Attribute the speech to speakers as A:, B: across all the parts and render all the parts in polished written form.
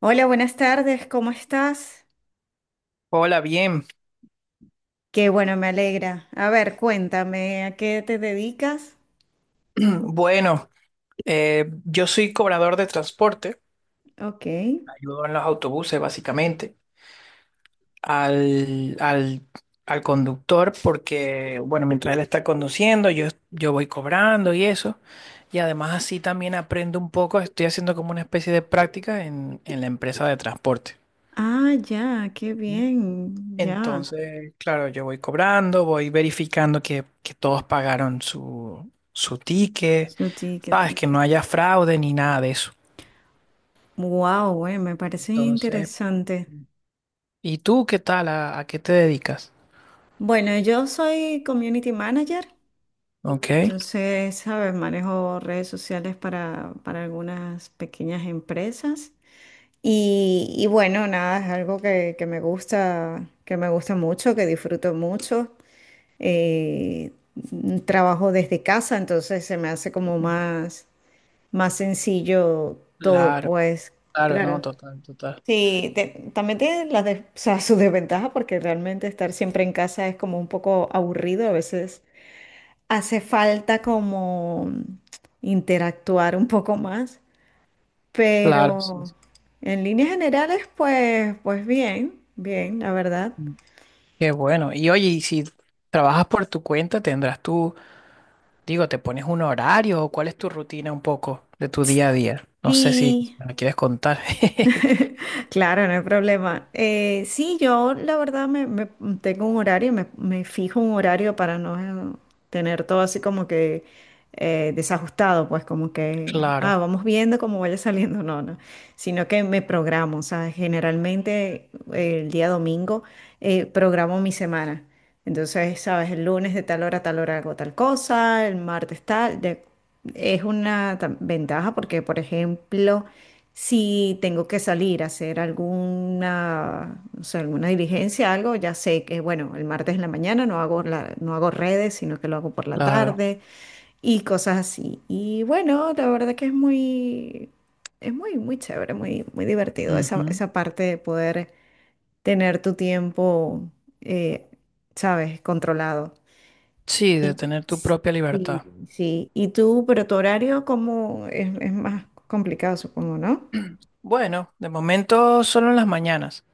A: Hola, buenas tardes, ¿cómo estás?
B: Hola, bien.
A: Qué bueno, me alegra. A ver, cuéntame, ¿a qué te dedicas?
B: Bueno, yo soy cobrador de transporte,
A: Ok.
B: ayudo en los autobuses básicamente al, al, al conductor porque, bueno, mientras él está conduciendo, yo voy cobrando y eso. Y además así también aprendo un poco, estoy haciendo como una especie de práctica en la empresa de transporte.
A: Ah, ya, qué bien, ya.
B: Entonces, claro, yo voy cobrando, voy verificando que todos pagaron su ticket,
A: Su
B: sabes,
A: ticket.
B: que no haya fraude ni nada de eso.
A: Wow, bueno, me parece
B: Entonces,
A: interesante.
B: ¿y tú qué tal? ¿A qué te dedicas?
A: Bueno, yo soy community manager,
B: Ok.
A: entonces, ¿sabes? Manejo redes sociales para algunas pequeñas empresas. Y bueno, nada, es algo que me gusta, que me gusta mucho, que disfruto mucho. eh, Trabajo desde casa, entonces se me hace como más, más sencillo todo,
B: Claro,
A: pues
B: claro, no,
A: claro.
B: total, total.
A: Sí, también tiene o sea, sus desventajas porque realmente estar siempre en casa es como un poco aburrido, a veces hace falta como interactuar un poco más,
B: Claro, sí.
A: pero
B: Sí.
A: en líneas generales, pues, pues bien, bien, la verdad.
B: Mm. Qué bueno. Y oye, y si trabajas por tu cuenta, tendrás tú, digo, te pones un horario o cuál es tu rutina un poco de tu día a día. No sé si
A: Sí.
B: me la quieres contar.
A: Claro, no hay problema. Sí, yo la verdad tengo un horario, me fijo un horario para no tener todo así como que desajustado, pues como que,
B: Claro,
A: ah, vamos viendo cómo vaya saliendo, no, sino que me programo, o sea, generalmente el día domingo programo mi semana. Entonces, sabes, el lunes de tal hora a tal hora hago tal cosa, el martes tal, es una ventaja porque, por ejemplo, si tengo que salir a hacer alguna, o sea, alguna diligencia, algo, ya sé que, bueno, el martes en la mañana no hago redes, sino que lo hago por la
B: claro.
A: tarde y cosas así. Y bueno, la verdad que es muy, muy chévere, muy, muy divertido esa,
B: Ujú.
A: esa parte de poder tener tu tiempo, eh, sabes, controlado.
B: Sí, de
A: Y
B: tener tu propia
A: sí,
B: libertad.
A: sí. ¿Y tú, pero tu horario como es más complicado, supongo, no?
B: Bueno, de momento solo en las mañanas.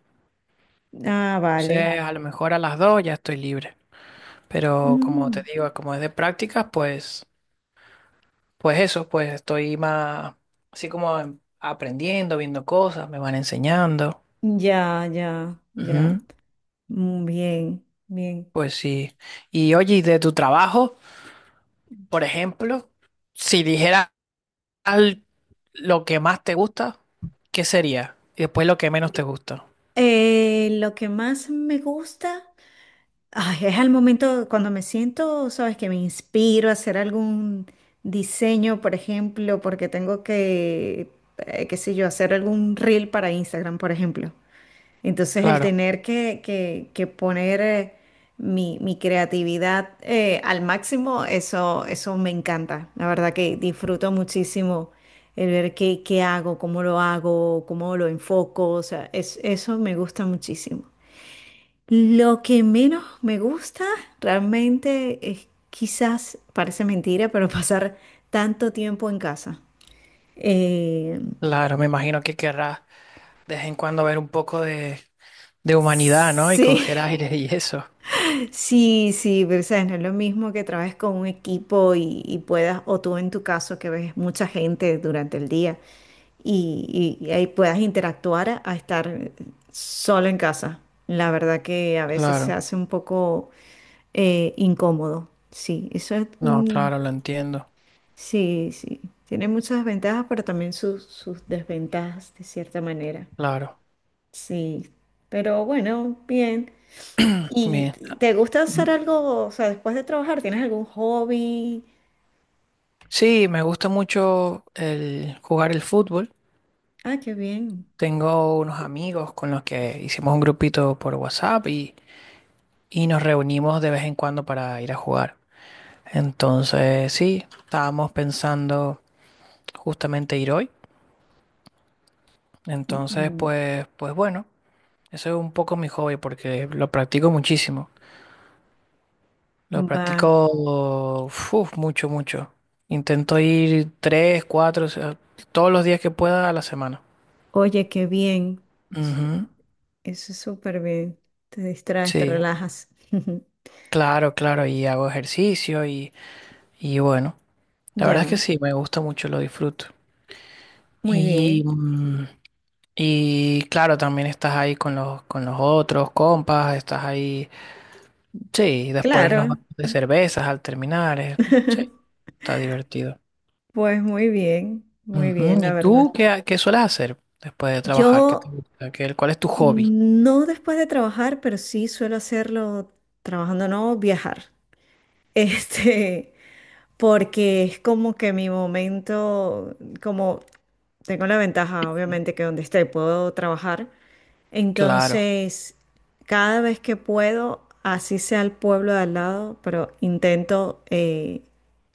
A: Ah, vale.
B: Entonces, a lo mejor a las dos ya estoy libre. Pero como
A: Mm,
B: te digo, como es de prácticas, pues eso, pues estoy más así como aprendiendo, viendo cosas, me van enseñando.
A: ya, ya, ya.
B: Ujú.
A: Mm, bien, bien.
B: Pues sí. Y oye, y de tu trabajo, por ejemplo, si dijeras al- lo que más te gusta, ¿qué sería? Y después lo que menos te gusta.
A: Lo que más me gusta, ay, es al momento cuando me siento, sabes, que me inspiro a hacer algún diseño, por ejemplo, porque tengo que, qué sé yo, hacer algún reel para Instagram, por ejemplo. Entonces el
B: Claro,
A: tener que poner mi, mi creatividad al máximo, eso me encanta. La verdad que disfruto muchísimo el ver qué, qué hago, cómo lo enfoco. O sea, eso me gusta muchísimo. Lo que menos me gusta realmente es quizás, parece mentira, pero pasar tanto tiempo en casa. Eh,
B: claro, me imagino que querrás de vez en cuando ver un poco de humanidad, ¿no? Y
A: sí,
B: coger aire y eso.
A: sí, sí, pero sabes, no es lo mismo que trabajes con un equipo y puedas, o tú en tu caso que ves mucha gente durante el día y ahí puedas interactuar a estar solo en casa. La verdad que a veces se
B: Claro,
A: hace un poco incómodo. Sí, eso es,
B: no,
A: mm,
B: claro, lo entiendo.
A: sí, sí, tiene muchas ventajas, pero también sus, sus desventajas de cierta manera.
B: Claro.
A: Sí, pero bueno, bien. ¿Y
B: Bien.
A: te gusta hacer
B: Ujú.
A: algo, o sea, después de trabajar, tienes algún hobby?
B: Sí, me gusta mucho el jugar el fútbol.
A: Ah, qué bien.
B: Tengo unos amigos con los que hicimos un grupito por WhatsApp y nos reunimos de vez en cuando para ir a jugar. Entonces, sí, estábamos pensando justamente ir hoy.
A: Mm,
B: Entonces,
A: mm,
B: pues bueno, eso es un poco mi hobby porque lo practico muchísimo. Lo
A: va,
B: practico uf, mucho, mucho. Intento ir 3, 4, o sea, todos los días que pueda a la semana.
A: oye, qué bien. S-
B: Ujú.
A: Eso es súper bien. Te distraes, te
B: Sí,
A: relajas.
B: claro, claro, y hago ejercicio y bueno, la verdad es que
A: Ya,
B: sí, me gusta mucho, lo disfruto.
A: muy
B: Y,
A: bien.
B: mm, y claro, también estás ahí con con los otros compas, estás ahí, sí, y después nos
A: Claro.
B: vamos de cervezas al terminar, sí, está divertido.
A: Pues muy bien,
B: Ujú.
A: la
B: ¿Y
A: verdad.
B: tú qué, qué sueles hacer después de trabajar? ¿Qué te
A: Yo
B: gusta? ¿ Cuál es tu hobby?
A: no después de trabajar, pero sí suelo hacerlo trabajando, no viajar. Este, porque es como que mi momento, como tengo la ventaja, obviamente, que donde esté puedo trabajar.
B: Claro,
A: Entonces, cada vez que puedo, así sea el pueblo de al lado, pero intento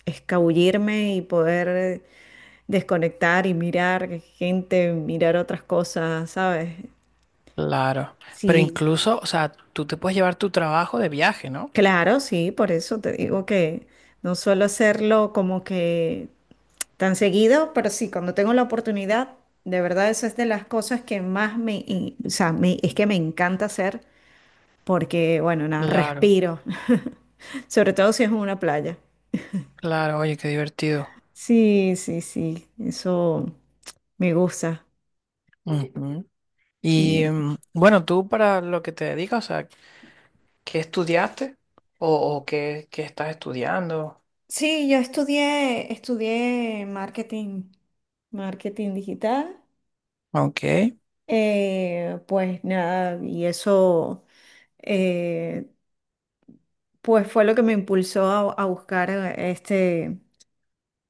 A: escabullirme y poder desconectar y mirar gente, mirar otras cosas, ¿sabes?
B: claro, pero
A: Sí,
B: incluso, o sea, tú te puedes llevar tu trabajo de viaje, ¿no?
A: claro, sí, por eso te digo que no suelo hacerlo como que tan seguido, pero sí, cuando tengo la oportunidad, de verdad eso es de las cosas que más o sea, es que me encanta hacer porque, bueno, nada,
B: Claro.
A: respiro, sobre todo si es en una playa.
B: Claro, oye, qué divertido.
A: Sí, sí, sí, eso me gusta.
B: Ujú.
A: Y,
B: Y bueno, tú para lo que te dedicas, o sea, ¿qué estudiaste? O qué estás estudiando?
A: Sí, yo estudié, estudié marketing, marketing digital.
B: Ok,
A: Pues nada, y eso eh, pues fue lo que me impulsó a buscar este,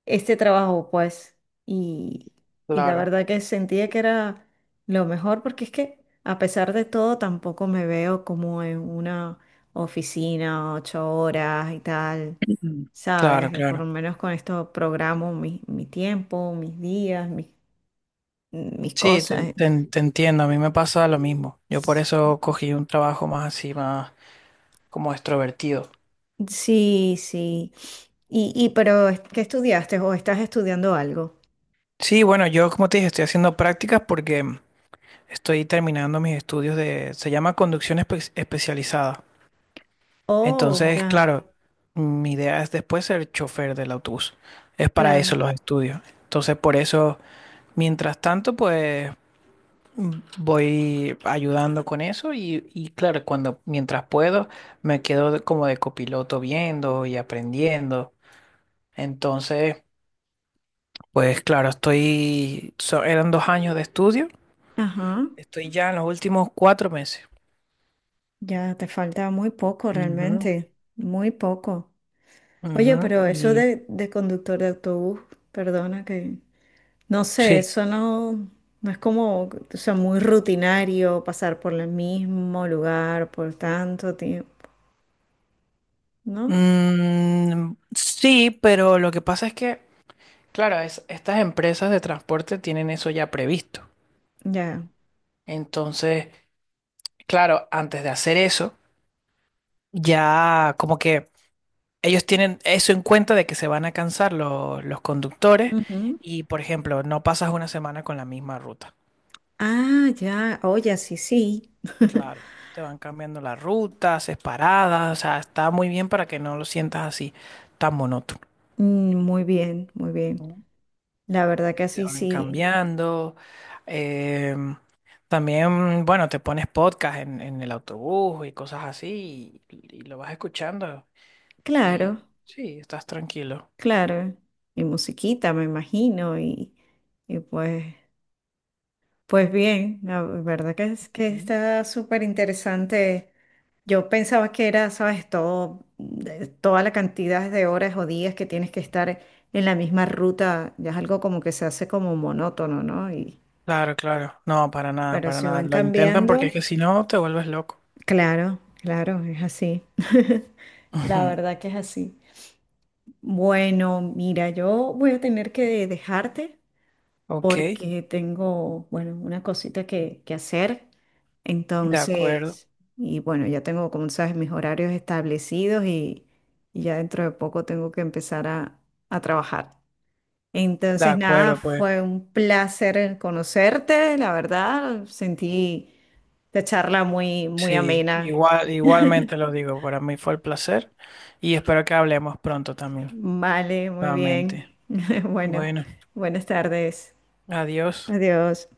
A: este trabajo, pues. Y, y la
B: claro.
A: verdad que sentía que era lo mejor porque es que a pesar de todo tampoco me veo como en una oficina 8 horas y tal,
B: Ujú. Claro,
A: ¿sabes? Por lo
B: claro.
A: menos con esto programo mi, mi tiempo, mis días, mis, mis
B: Sí,
A: cosas.
B: te entiendo, a mí me pasa lo mismo. Yo por eso cogí un trabajo más así, más como extrovertido.
A: Sí, sí. Y pero ¿qué estudiaste o estás estudiando algo?
B: Sí, bueno, yo como te dije, estoy haciendo prácticas porque estoy terminando mis estudios de, se llama conducción especializada.
A: Oh,
B: Entonces,
A: ya,
B: claro, mi idea es después ser chofer del autobús. Es para
A: claro.
B: eso los estudios. Entonces, por eso, mientras tanto, pues mm, voy ayudando con eso y claro, cuando mientras puedo, me quedo como de copiloto viendo y aprendiendo. Entonces, pues claro, estoy, eran 2 años de estudio,
A: Ajá.
B: estoy ya en los últimos 4 meses.
A: Ya te falta muy poco
B: Ujú,
A: realmente, muy poco. Oye,
B: ujú,
A: pero eso
B: y
A: de conductor de autobús, perdona que, no sé,
B: sí.
A: eso no, no es como, o sea, muy rutinario pasar por el mismo lugar por tanto tiempo, ¿no?
B: Mm, sí, pero lo que pasa es que, claro, estas empresas de transporte tienen eso ya previsto.
A: Ya.
B: Entonces, claro, antes de hacer eso, ya como que ellos tienen eso en cuenta de que se van a cansar los conductores
A: Ujú.
B: y, por ejemplo, no pasas una semana con la misma ruta.
A: Ah, ya, oye, sí, sí.
B: Claro, te van cambiando la ruta, haces paradas, o sea, está muy bien para que no lo sientas así, tan monótono.
A: Mm, muy bien, muy bien. La verdad que
B: Te
A: así
B: van
A: sí.
B: cambiando. em, también, bueno, te pones podcast en el autobús y cosas así y lo vas escuchando
A: Claro,
B: y sí, estás tranquilo.
A: claro. Y musiquita, me imagino, y pues pues bien, la verdad que, es, que
B: Mm.
A: está súper interesante. Yo pensaba que era, sabes, todo, toda la cantidad de horas o días que tienes que estar en la misma ruta, ya es algo como que se hace como monótono, ¿no? Y,
B: Claro, claro. No, para nada,
A: pero
B: para
A: si
B: nada.
A: van
B: Lo intentan porque es
A: cambiando,
B: que si no te vuelves loco.
A: claro, claro, es así. La
B: Ujú.
A: verdad que es así. Bueno, mira, yo voy a tener que dejarte
B: Ok,
A: porque tengo, bueno, una cosita que hacer.
B: de acuerdo,
A: Entonces, y bueno, ya tengo, como sabes, mis horarios establecidos y ya dentro de poco tengo que empezar a trabajar.
B: de
A: Entonces, nada,
B: acuerdo, pues
A: fue un placer conocerte, la verdad. Sentí la charla muy, muy
B: sí,
A: amena.
B: igual, igualmente lo digo, para mí fue el placer y espero que hablemos pronto también,
A: Vale, muy bien.
B: nuevamente.
A: Bueno,
B: Bueno,
A: buenas tardes.
B: adiós.
A: Adiós.